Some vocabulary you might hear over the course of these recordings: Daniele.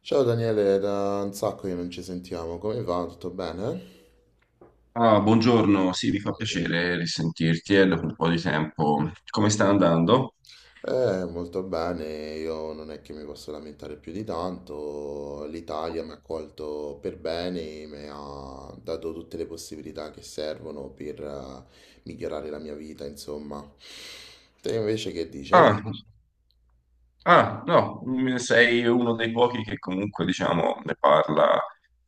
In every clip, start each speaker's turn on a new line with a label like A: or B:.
A: Ciao Daniele, da un sacco che non ci sentiamo, come va? Tutto bene?
B: Ah, buongiorno, sì, mi fa piacere risentirti dopo un po' di tempo. Come sta andando?
A: Molto bene, io non è che mi posso lamentare più di tanto, l'Italia mi ha accolto per bene, mi ha dato tutte le possibilità che servono per migliorare la mia vita, insomma. Te invece che dice?
B: Ah, Ah, no, mm, Sei uno dei pochi che comunque, diciamo,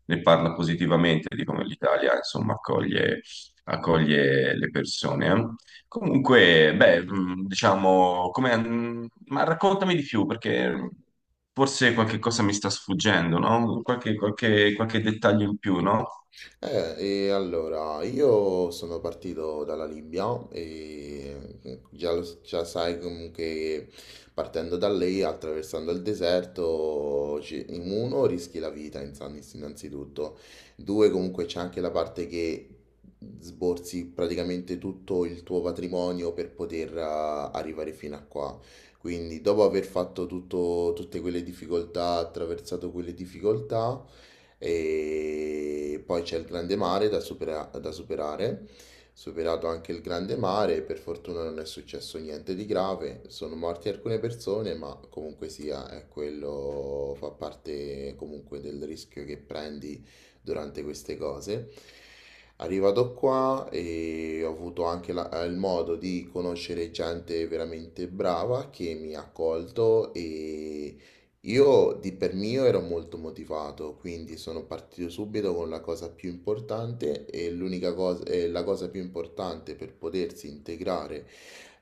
B: ne parla positivamente di come l'Italia, insomma, accoglie le persone, eh. Comunque, beh, diciamo, ma raccontami di più, perché forse qualche cosa mi sta sfuggendo, no? Qualche dettaglio in più, no?
A: Eh, e allora, io sono partito dalla Libia e già, già sai che partendo da lei, attraversando il deserto, in uno rischi la vita innanzitutto, due comunque c'è anche la parte che sborsi praticamente tutto il tuo patrimonio per poter arrivare fino a qua. Quindi, dopo aver fatto tutte quelle difficoltà, attraversato quelle difficoltà, e poi c'è il grande mare da da superare. Superato anche il grande mare, per fortuna non è successo niente di grave, sono morte alcune persone, ma comunque sia, è quello fa parte comunque del rischio che prendi durante queste cose. Arrivato qua e ho avuto anche il modo di conoscere gente veramente brava che mi ha accolto, e io di per mio ero molto motivato, quindi sono partito subito con la cosa più importante e l'unica cosa, e la cosa più importante per potersi integrare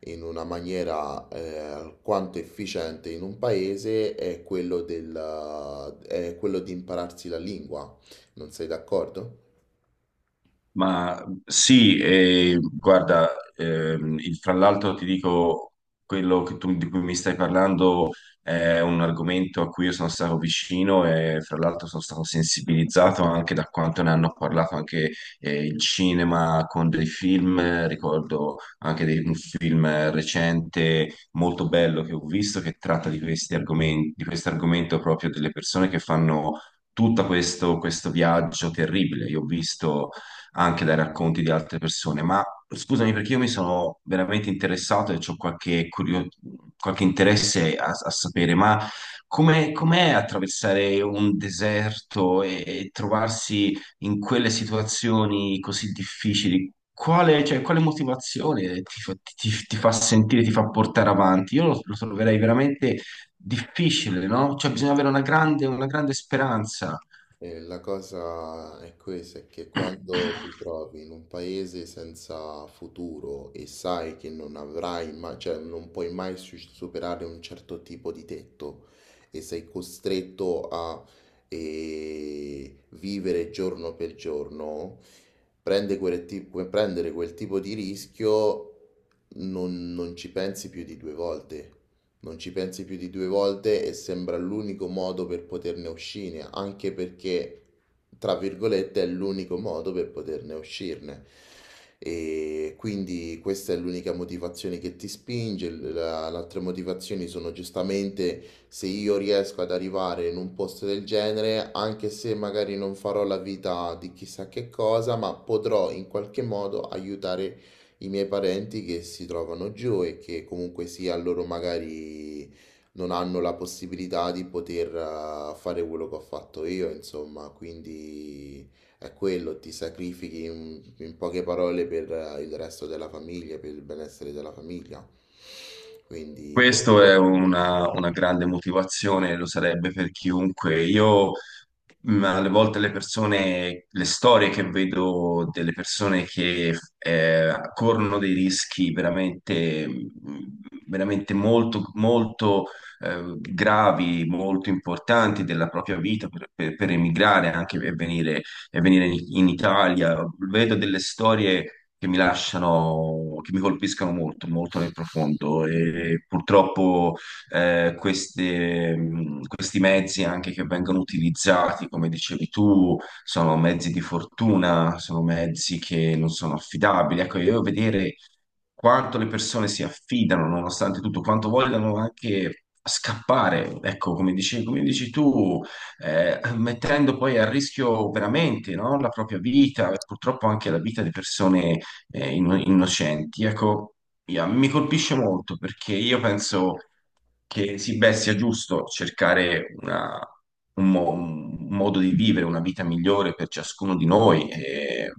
A: in una maniera alquanto efficiente in un paese è quello del, è quello di impararsi la lingua. Non sei d'accordo?
B: Ma sì, e guarda, fra l'altro ti dico, di cui mi stai parlando è un argomento a cui io sono stato vicino e fra l'altro sono stato sensibilizzato anche da quanto ne hanno parlato anche il cinema con dei film, ricordo un film recente molto bello che ho visto che tratta di questi argomenti, di questo argomento proprio delle persone che fanno tutto questo, questo viaggio terribile. Io ho visto anche dai racconti di altre persone, ma scusami perché io mi sono veramente interessato e ho qualche interesse a, a sapere, ma come, com'è attraversare un deserto e trovarsi in quelle situazioni così difficili? Quale, cioè, quale motivazione ti fa, ti fa sentire, ti fa portare avanti? Io lo troverei veramente difficile, no? Cioè, bisogna avere una grande speranza.
A: La cosa è questa, è che quando ti trovi in un paese senza futuro e sai che non avrai mai, cioè non puoi mai superare un certo tipo di tetto, e sei costretto a vivere giorno per giorno, prendere quel tipo di rischio non ci pensi più di due volte. Non ci pensi più di due volte e sembra l'unico modo per poterne uscire, anche perché, tra virgolette, è l'unico modo per poterne uscirne. E quindi questa è l'unica motivazione che ti spinge. Le altre motivazioni sono giustamente se io riesco ad arrivare in un posto del genere, anche se magari non farò la vita di chissà che cosa, ma potrò in qualche modo aiutare i miei parenti che si trovano giù e che comunque sia loro magari non hanno la possibilità di poter fare quello che ho fatto io, insomma, quindi è quello, ti sacrifichi in poche parole per il resto della famiglia, per il benessere della famiglia. Quindi
B: Questo
A: questo
B: è una grande motivazione, lo sarebbe per chiunque. Io ma alle volte le persone, le storie che vedo delle persone che corrono dei rischi veramente, veramente molto, molto gravi, molto importanti della propria vita per emigrare anche e venire in Italia, vedo delle storie che mi lasciano, che mi colpiscono molto, molto nel profondo e purtroppo questi mezzi anche che vengono utilizzati, come dicevi tu, sono mezzi di fortuna, sono mezzi che non sono affidabili. Ecco, io vedere quanto le persone si affidano, nonostante tutto, quanto vogliono anche scappare, ecco, come dici tu, mettendo poi a rischio veramente, no, la propria vita e purtroppo anche la vita di persone innocenti. Ecco, io- mi colpisce molto perché io penso che sì, beh, sia giusto cercare un modo di vivere, una vita migliore per ciascuno di noi,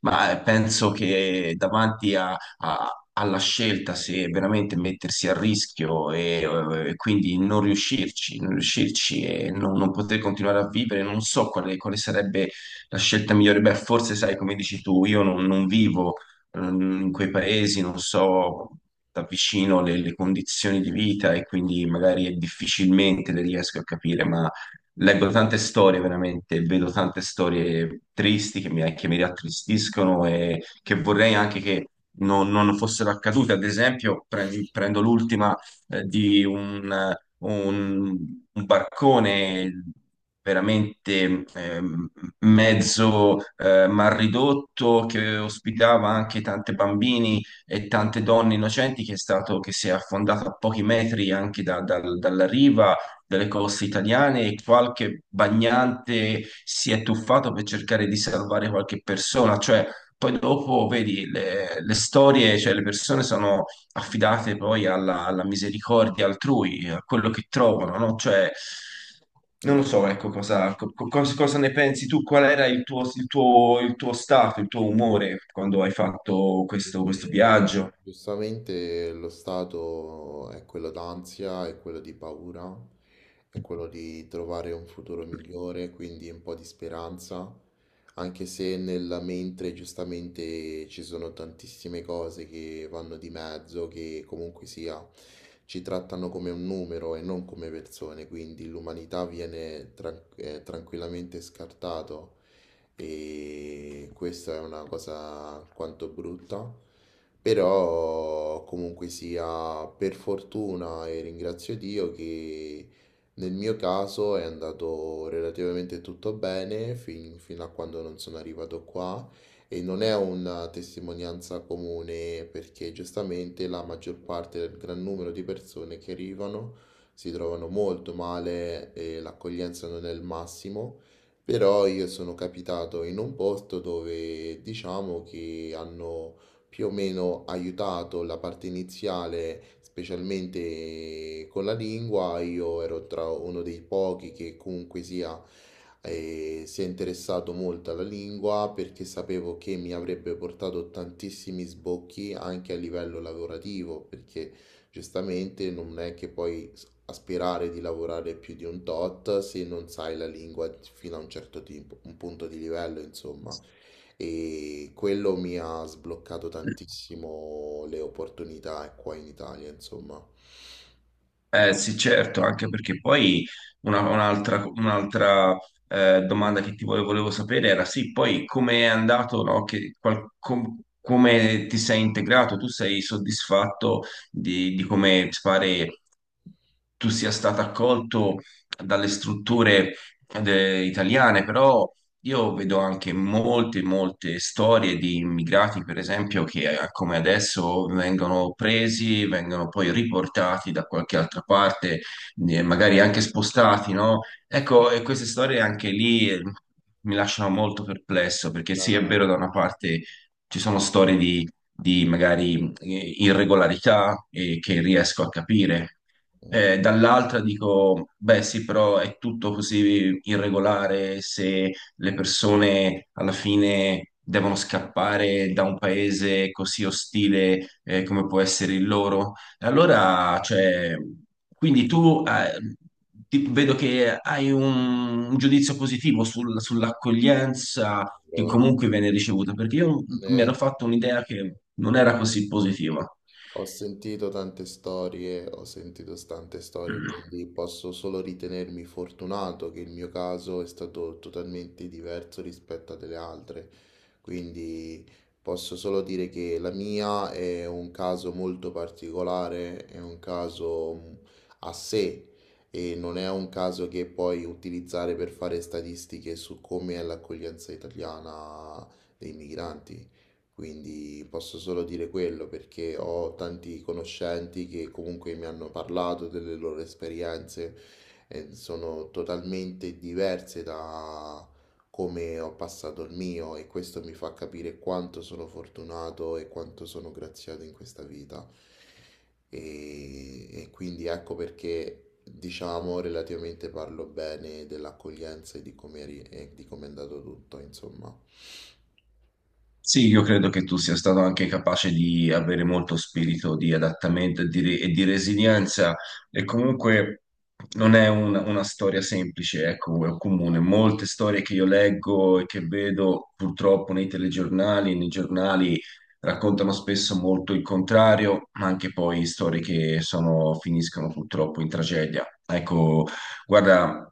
B: ma penso che davanti alla scelta se veramente mettersi a rischio e quindi non riuscirci, non riuscirci non poter continuare a vivere, non so quale sarebbe la scelta migliore. Beh, forse sai, come dici tu, io non vivo in quei paesi, non so da vicino le condizioni di vita e quindi magari difficilmente le riesco a capire, ma leggo tante storie veramente, vedo tante storie tristi che mi rattristiscono e che vorrei anche che non fossero accadute. Ad esempio, prendo l'ultima eh, di un un, un barcone veramente mezzo mal ridotto che ospitava anche tanti bambini e tante donne innocenti che è stato, che si è affondato a pochi metri anche dalla riva delle coste italiane, e qualche bagnante si è tuffato per cercare di salvare qualche persona, cioè poi dopo vedi le storie, cioè le persone sono affidate poi alla misericordia altrui, a quello che trovano, no? Cioè,
A: è...
B: non lo
A: esatto.
B: so, ecco, cosa, co- co- cosa- cosa ne pensi tu? Qual era il tuo stato, il tuo umore quando hai fatto
A: E
B: questo, questo viaggio?
A: Giustamente lo stato è quello d'ansia, è quello di paura, è quello di trovare un futuro migliore, quindi un po' di speranza, anche se nella mente giustamente ci sono tantissime cose che vanno di mezzo, che comunque sia ci trattano come un numero e non come persone, quindi l'umanità viene tranquillamente scartato, e questa è una cosa alquanto brutta, però comunque sia, per fortuna e ringrazio Dio che nel mio caso è andato relativamente tutto bene fino a quando non sono arrivato qua, e non è una testimonianza comune perché giustamente la maggior parte del gran numero di persone che arrivano si trovano molto male e l'accoglienza non è il massimo. Però io sono capitato in un posto dove diciamo che hanno più o meno aiutato la parte iniziale, specialmente con la lingua. Io ero tra uno dei pochi che comunque sia si è interessato molto alla lingua perché sapevo che mi avrebbe portato tantissimi sbocchi anche a livello lavorativo, perché giustamente non è che puoi aspirare di lavorare più di un tot se non sai la lingua fino a un un punto di livello, insomma. E quello mi ha sbloccato tantissimo le opportunità qua in Italia, insomma.
B: Eh sì, certo, anche perché poi un'altra, domanda volevo sapere era sì, poi come è andato, no? Che come ti sei integrato? Tu sei soddisfatto di come ti pare tu sia stato accolto dalle strutture italiane, però io vedo anche molte, molte storie di immigrati, per esempio, che come adesso vengono presi, vengono poi riportati da qualche altra parte, magari anche spostati, no? Ecco, e queste storie anche lì, mi lasciano molto perplesso, perché sì, è
A: Ah,
B: vero, da una parte ci sono storie di magari irregolarità, che riesco a capire, dall'altra dico, beh sì, però è tutto così irregolare se le persone alla fine devono scappare da un paese così ostile, come può essere il loro. E allora, cioè, quindi tu, ti- vedo che hai un giudizio positivo sull'accoglienza che
A: allora,
B: comunque viene ricevuta, perché io mi
A: ne-
B: ero fatto un'idea che non era così positiva.
A: Ho sentito tante storie, ho sentito tante storie, quindi posso solo ritenermi fortunato che il mio caso è stato totalmente diverso rispetto a delle altre. Quindi posso solo dire che la mia è un caso molto particolare, è un caso a sé, e non è un caso che puoi utilizzare per fare statistiche su come è l'accoglienza italiana dei migranti. Quindi posso solo dire quello perché ho tanti conoscenti che comunque mi hanno parlato delle loro esperienze e sono totalmente diverse da come ho passato il mio, e questo mi fa capire quanto sono fortunato e quanto sono graziato in questa vita. E quindi ecco perché diciamo relativamente parlo bene dell'accoglienza e di come e di come è andato tutto, insomma.
B: Sì, io credo che tu sia stato anche capace di avere molto spirito di adattamento e e di resilienza e comunque non è una storia semplice, ecco, o comune. Molte storie che io leggo e che vedo purtroppo nei telegiornali, nei giornali raccontano spesso molto il contrario, ma anche poi storie che finiscono purtroppo in tragedia. Ecco, guarda,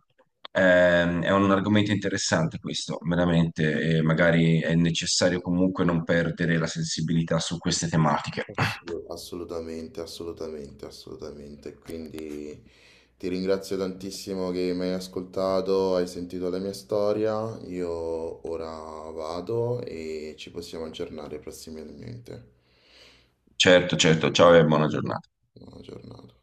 B: è un argomento interessante questo, veramente, e magari è necessario comunque non perdere la sensibilità su queste tematiche.
A: Assolutamente, assolutamente, assolutamente. Quindi ti ringrazio tantissimo che mi hai ascoltato, hai sentito la mia storia. Io ora vado e ci possiamo aggiornare prossimamente.
B: Certo, certo. Ciao e buona giornata.
A: Buona giornata.